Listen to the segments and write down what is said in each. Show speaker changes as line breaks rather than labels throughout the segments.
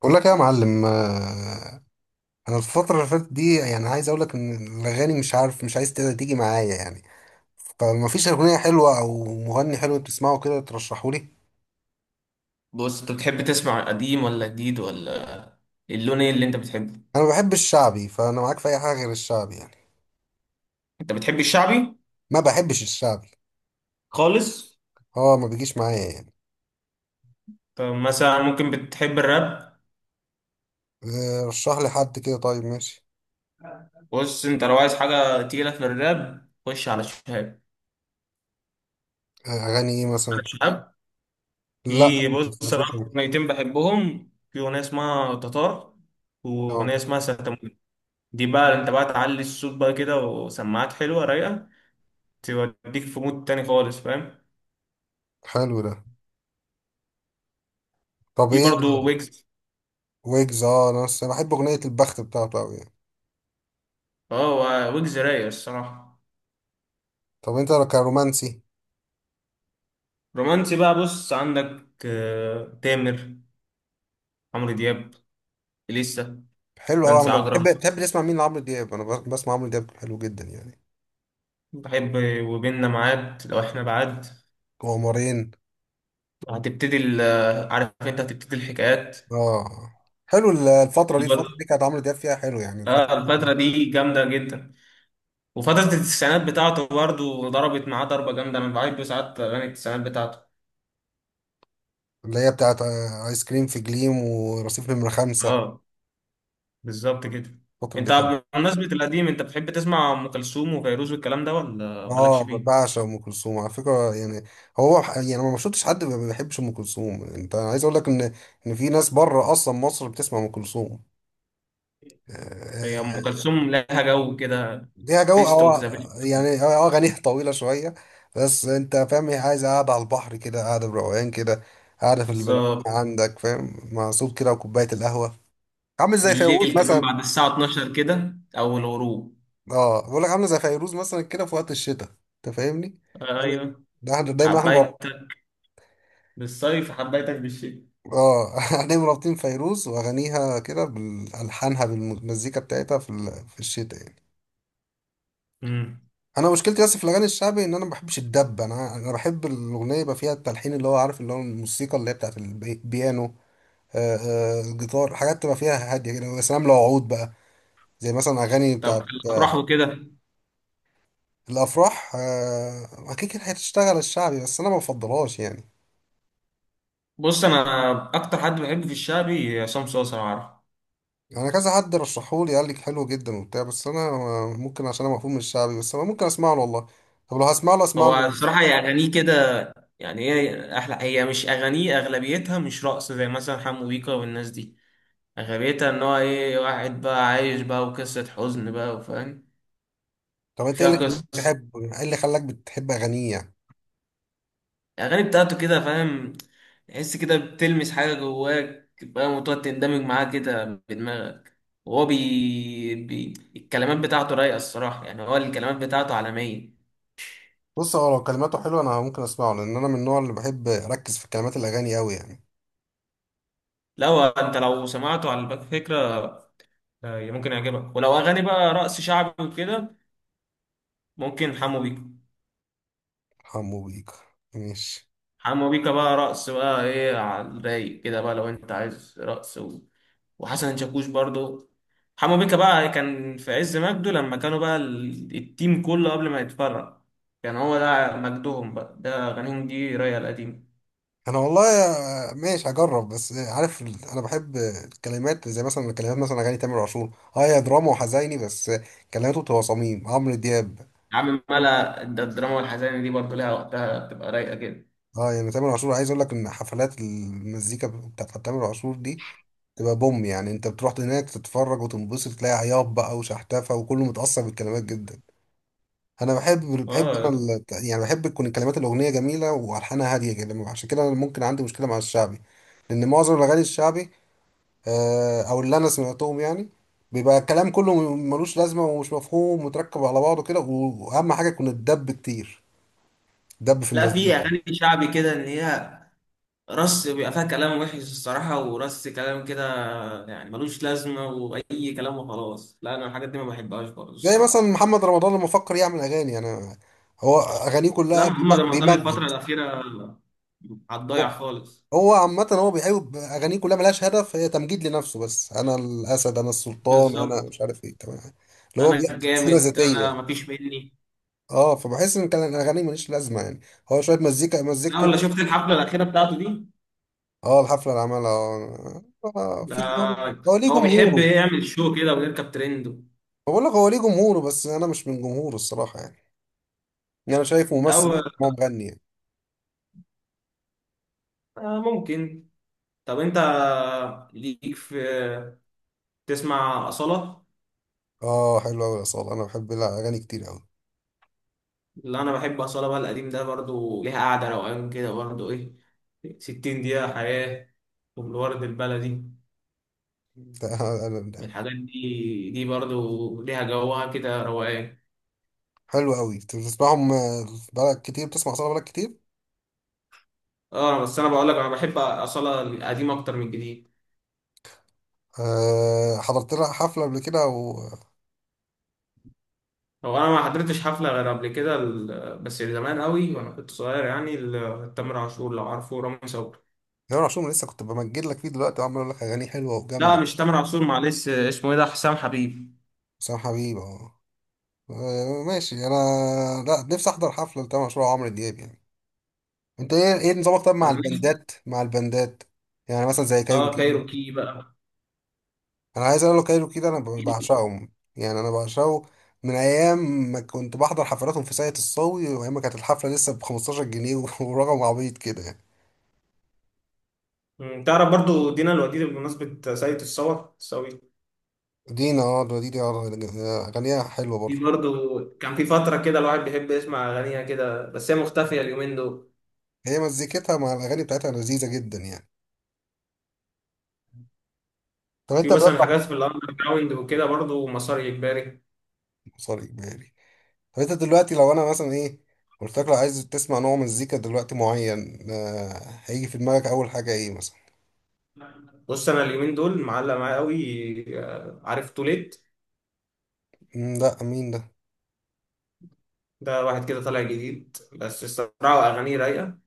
بقول لك إيه يا معلم، آه، انا الفتره اللي فاتت دي، عايز اقول لك ان الاغاني، مش عارف، مش عايز تقدر تيجي معايا فما فيش اغنيه حلوه او مغني حلو تسمعه كده ترشحه لي.
بص انت بتحب تسمع قديم ولا جديد ولا اللون ايه اللي انت بتحبه؟
انا ما بحبش الشعبي، فانا معاك في اي حاجه غير الشعبي
انت بتحب الشعبي
ما بحبش الشعبي.
خالص؟
هو ما بيجيش معايا
طب مثلا ممكن بتحب الراب؟
آه، رشح لي حد كده، طيب ماشي.
بص انت لو عايز حاجه تقيله في الراب خش على شهاب،
آه، اغاني ايه
على
مثلا؟
شهاب.
لا
في،
ما
بص انا
سمعتوش أنا.
اكتر اغنيتين بحبهم في اغنيه اسمها تتار
آه،
واغنيه اسمها ستموت. دي بقى انت بقى تعلي الصوت بقى كده وسماعات حلوه رايقه توديك في مود تاني خالص، فاهم؟
حلو ده. طب
في
ايه؟
برضه ويجز.
ويجز، اه انا بس بحب اغنيه البخت بتاعته قوي
اه، ويجز رايق الصراحه.
طب انت كرومانسي؟
رومانسي بقى، بص عندك تامر، عمرو دياب، إليسا،
حلو قوي.
نانسي
انا بحب،
عجرم.
بتحب تسمع مين لعمرو دياب؟ انا بسمع عمرو دياب حلو جدا
بحب وبيننا ميعاد لو احنا بعاد.
قمرين.
وهتبتدي عارف انت هتبتدي الحكايات.
اه حلو. الفترة
دي
دي،
برضه،
الفترة دي كانت عمرو دياب فيها حلو يعني الفترة
اه
دي.
الفترة دي جامدة جدا. وفترة التسعينات بتاعته برضه ضربت معاه ضربة جامدة، انا بحب ساعات أغاني التسعينات بتاعته.
اللي هي بتاعت آه، آيس كريم في جليم ورصيف نمرة خمسة.
اه، بالظبط كده.
الفترة دي
انت
حلو.
بمناسبة القديم انت بتحب تسمع أم كلثوم وفيروز والكلام ده ولا مالكش
اه
فيه؟
بعشق ام كلثوم على فكرة هو يعني أنا ما شفتش حد ما بيحبش ام كلثوم. انت عايز اقول لك ان، ان في ناس بره اصلا مصر بتسمع ام كلثوم. آه،
هي أم
آه،
كلثوم لها جو كده.
ليها جو
بيست اوف
اه.
ذا.
يعني اه اغانيها طويله شويه. بس انت فاهم، هي عايزه قاعده على البحر كده، قاعده بروقان كده، قاعده في
بالظبط.
البلكونه عندك فاهم، مع صوت كده وكوبايه القهوه. عامل زي فيروز
بالليل كمان
مثلا.
بعد الساعة 12 كده أو الغروب.
اه بقول لك عامله زي فيروز مثلا كده في وقت الشتاء. انت فاهمني؟ يعني
ايوه.
ده احنا دايما احنا،
حبيتك بالصيف حبيتك بالشتاء.
اه احنا مربطين فيروز واغانيها كده بالحانها بالمزيكا بتاعتها في في الشتاء
امم.
انا مشكلتي بس في الاغاني الشعبي، ان انا ما بحبش الدب. انا بحب الاغنيه يبقى فيها التلحين اللي هو عارف، اللي هو الموسيقى اللي هي بتاعت البيانو، آه، آه، الجيتار، حاجات تبقى فيها هاديه كده. يا سلام لو عود بقى، زي مثلا اغاني
طب
بتاعت
الأفراح
آه،
وكده؟
الافراح، آه، اكيد كده هتشتغل الشعبي بس انا ما بفضلهاش
بص أنا أكتر حد بحبه في الشعبي عصام صاصا، لو عارف.
انا كذا حد رشحولي قال لي حلو جدا وبتاع، بس انا آه، ممكن عشان انا مفهوم من الشعبي، بس انا ممكن اسمع له والله. طب لو هسمع له، اسمع له
هو
ايه؟
بصراحة هي أغانيه كده، يعني هي أحلى، هي مش أغانيه أغلبيتها مش رقص زي مثلا حمو بيكا والناس دي. أغلبيتها إن هو إيه، واحد بقى عايش بقى وقصة حزن بقى، وفاهم
طب انت ايه
فيها
اللي خلاك
قصة.
تحب، ايه اللي خلاك بتحب اغانيه
الأغاني بتاعته كده، فاهم، تحس كده بتلمس حاجة جواك، فاهم، وتقعد تندمج معاه كده بدماغك. وهو الكلمات بتاعته رايقة الصراحة، يعني هو الكلمات بتاعته عالمية.
بص هو لو كلماته حلوه انا ممكن اسمعه، لان انا من النوع اللي بحب اركز في كلمات الاغاني قوي
لو انت لو سمعته على باك فكرة ممكن يعجبك. ولو أغاني بقى رقص شعبي وكده ممكن حمو بيكا.
حمو بيك، ماشي.
حمو بيكا بقى رقص بقى، ايه على الرايق كده بقى، لو انت عايز رقص و... وحسن شاكوش برضه. حمو بيكا بقى كان في عز مجده لما كانوا بقى التيم كله قبل ما يتفرق. كان هو ده مجدهم بقى، ده أغانيهم دي رايقة القديمة.
انا والله ماشي هجرب. بس عارف انا بحب الكلمات، زي مثلا الكلمات مثلا اغاني تامر عاشور. اه هي دراما وحزيني بس كلماته بتبقى صميم عمرو دياب.
عم ملا الدراما والحزانة دي برضه لها وقتها، بتبقى رايقة كده.
اه تامر عاشور، عايز اقول لك ان حفلات المزيكا بتاعت تامر عاشور دي تبقى بوم انت بتروح هناك تتفرج وتنبسط تلاقي عياط بقى وشحتفة وكله متأثر بالكلمات جدا. انا بحب، بحب انا
اه.
ال- يعني بحب تكون كلمات الاغنيه جميله والحانها هاديه جدا. عشان كده انا ممكن عندي مشكله مع الشعبي، لان معظم الاغاني الشعبي، آه، او اللي انا سمعتهم يعني، بيبقى الكلام كله ملوش لازمه ومش مفهوم ومتركب على بعضه كده، واهم حاجه يكون الدب كتير، دب في
لا في
المزيكا.
أغاني شعبي كده إن هي رص، بيبقى فيها كلام وحش الصراحة ورص كلام كده يعني ملوش لازمة وأي كلام وخلاص. لا أنا الحاجات دي ما بحبهاش برضه
زي مثلا
الصراحة.
محمد رمضان لما فكر يعمل اغاني، انا، هو اغانيه
لا
كلها
محمد رمضان الفترة
بيمجد.
الأخيرة على الضايع خالص.
هو عامة هو بيحب أغانيه كلها ملهاش هدف، هي تمجيد لنفسه بس. أنا الأسد، أنا السلطان، أنا
بالظبط.
مش عارف إيه، تمام، اللي هو
انا
بيحكي سيرة
الجامد انا
ذاتية.
مفيش مني.
أه فبحس إن كان الأغاني مليش لازمة هو شوية مزيكا
لا
مزيكته
ولا
بس.
شفت الحفله الاخيره بتاعته دي؟
أه الحفلة اللي عملها أه، آه،
ده
في هو، هو ليه
هو بيحب
جمهوره.
يعمل شو كده ويركب ترند.
بقول لك هو ليه جمهوره بس أنا مش من جمهوره الصراحة يعني أنا شايف
لا
ممثل،
هو
هو مغني
ممكن. طب انت ليك في، تسمع اصاله؟
أه حلو أوي يا صالح. أنا بحب الأغاني كتير أوي.
اللي انا بحب اصاله بقى القديم ده برضو ليها قعده روقان كده برضو، ايه 60 دقيقه حياه والورد البلدي.
ده- ده-
من
ده-
الحاجات دي، دي برضو ليها جوها كده روقان.
حلو أوي. أنت بتسمعهم آه، بقالك كتير بتسمع صالح بقالك كتير؟
اه بس انا بقول لك انا بحب اصاله القديم اكتر من الجديد.
أه حضرت لها حفلة قبل كده و،
هو انا ما حضرتش حفله غير قبل كده بس زمان قوي وانا كنت صغير يعني، تامر عاشور لو عارفه، رامي صبري.
جمال عاشور لسه كنت بمجد لك فيه دلوقتي وعمال اقول لك أغاني حلوة
لا
وجامدة.
مش تامر عاشور، معلش اسمه ايه ده، حسام حبيب.
حسام حبيب اه، آه، ماشي أنا، لا نفسي أحضر حفلة لتامر عاشور وعمرو دياب أنت إيه، إيه نظامك طب مع
انا نفسي.
البندات، مع البندات، يعني مثلا زي
اه
كايروكي مثلاً.
كايروكي بقى.
أنا عايز أقول له كايروكي ده أنا بعشقهم يعني، أنا بعشقه من أيام ما كنت بحضر حفلاتهم في ساقية الصاوي، وأيام ما كانت الحفلة لسه ب 15 جنيه ورقم عبيط كده
تعرف برضو دينا الوديد بمناسبة سيد الصور الصاوي؟
دينا اه، دينا آه، أغانيها حلوة
دي
برضه.
برضو كان في فترة كده الواحد بيحب يسمع أغانيها كده، بس هي مختفية اليومين دول.
هي مزيكتها مع الاغاني بتاعتها لذيذه جدا طب انت
في مثلا
دلوقتي،
حاجات في الأندر جراوند وكده برضو مسار إجباري.
سوري بالي، طب انت دلوقتي لو انا مثلا ايه، قلت لك لو عايز تسمع نوع مزيكا دلوقتي معين آه، هيجي في دماغك اول حاجه ايه مثلا؟
بص أنا اليومين دول معلق معايا قوي عارف توليت؟
مم، لا مين ده؟
ده واحد كده طالع جديد بس الصراحة أغانيه رايقة.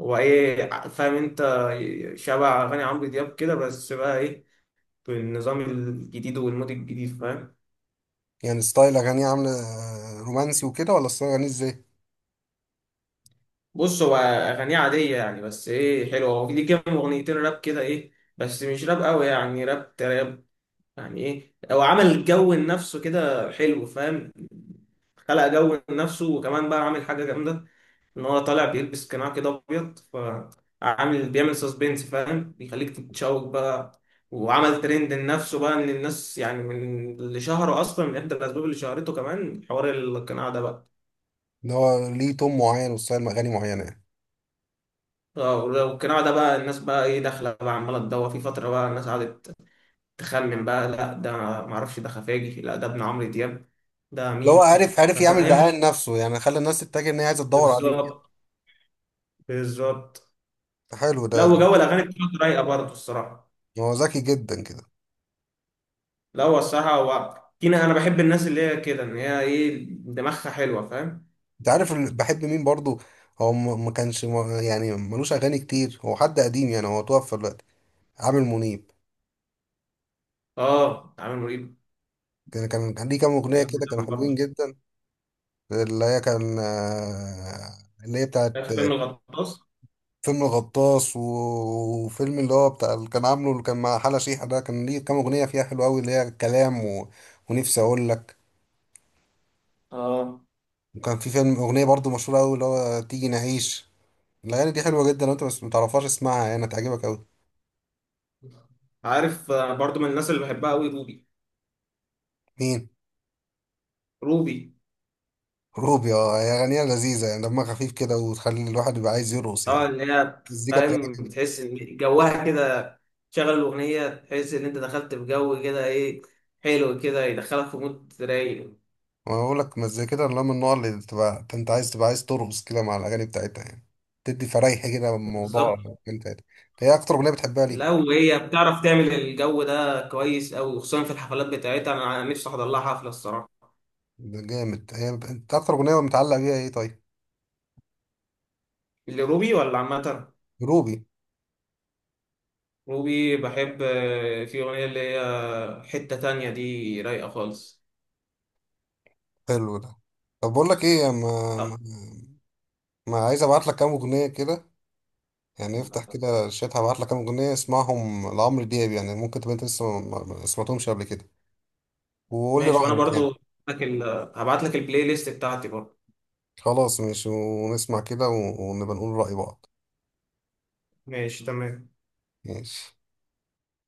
هو إيه، فاهم أنت، شبه أغاني عمرو دياب كده بس بقى إيه، بالنظام الجديد والمود الجديد، فاهم.
يعني ستايل اغانيه عامله آه، رومانسي وكده ولا ستايل اغانيه ازاي؟
بص هو أغانيه عادية يعني، بس إيه، حلوة. هو ليه كام أغنيتين راب كده إيه، بس مش راب أوي يعني، راب تراب يعني. إيه، هو عمل جو لنفسه كده حلو، فاهم. خلق جو لنفسه وكمان بقى عامل حاجة جامدة، ان هو طالع بيلبس قناع كده ابيض، فعامل بيعمل سسبنس، فاهم، بيخليك تتشوق بقى. وعمل ترند لنفسه بقى ان الناس يعني، من اللي شهره اصلا، من احدى الاسباب اللي شهرته كمان حوار القناع ده بقى.
اللي هو ليه تون معين وستايل اغاني معينه
اه والقناع ده بقى الناس بقى ايه داخله بقى عماله تدور، في فتره بقى الناس قعدت تخمن بقى، لا ده معرفش ده خفاجي، لا ده ابن عمرو دياب، ده
اللي هو
مين.
عارف، يعمل دعايه
فاهم،
لنفسه يعني، خلى الناس تتجه ان هي عايزه تدور عليه.
بالظبط، بالظبط.
حلو ده
لا
ده.
وجو الاغاني بتاعته رايقه برضه الصراحه.
هو ذكي جدا كده.
لا هو الصراحة هو كينا، أنا بحب الناس اللي هي كده إن هي إيه، دماغها حلوة، فاهم؟
انت عارف بحب مين برضو؟ هو ما كانش ملوش اغاني كتير. هو حد قديم يعني، هو توفى دلوقتي، عامر منيب.
آه عامل مريب.
كان ليه كام اغنيه
أيام
كده كانوا
زمان
حلوين
برضه.
جدا. اللي هي كان آه، اللي هي بتاعت
عارف فيلم الغطاس؟
فيلم الغطاس، وفيلم اللي هو بتاع اللي كان عامله اللي كان مع حلا شيحة، ده كان ليه كام اغنيه فيها حلوه قوي اللي هي كلام و... ونفسي اقول لك.
اه.
وكان في فيلم اغنيه برضو مشهوره قوي اللي هو تيجي نعيش. الاغاني دي حلوه جدا، لو انت بس متعرفهاش اسمعها يعني هتعجبك قوي.
عارف برضه من الناس اللي بحبها قوي روبي.
مين؟
روبي.
روبي؟ اه هي أغنية لذيذة يعني، دمها خفيف كده وتخلي الواحد يبقى عايز يرقص
آه اللي هي،
المزيكا بتاعتها
فاهم،
كده،
بتحس إن جوها كده، تشغل الأغنية تحس إن أنت دخلت في جو كده إيه، حلو كده يدخلك في مود رايق.
ما بقول لك مزيكا كده اللي هو من النوع اللي تبقى أنت عايز، تبقى عايز ترقص كده مع الأغاني بتاعتها تدي فريحة كده الموضوع.
بالظبط.
أنت هي أكتر أغنية بتحبها ليها؟
لا وهي بتعرف تعمل الجو ده كويس أوي، وخصوصا في الحفلات بتاعتها أنا نفسي أحضر لها حفلة الصراحة.
ده جامد. هي أنت أكتر أغنية متعلقة بيها إيه طيب؟
لروبي ولا عامة؟
روبي.
روبي بحب في أغنية اللي هي حتة تانية دي رايقة خالص.
حلو ده. طب بقول لك إيه،
آه،
ما عايز أبعت لك كام أغنية كده افتح كده الشات هبعت لك كام أغنية اسمعهم لعمرو دياب، يعني ممكن تبقى أنت لسه ما سمعتهمش قبل كده وقول لي
ماشي وأنا
رأيك
برضو هبعت لك هبعت لك البلاي ليست بتاعتي برضو.
خلاص ماشي، ونسمع كده ونبقى نقول رأي بعض.
ماشي تمام.
ماشي.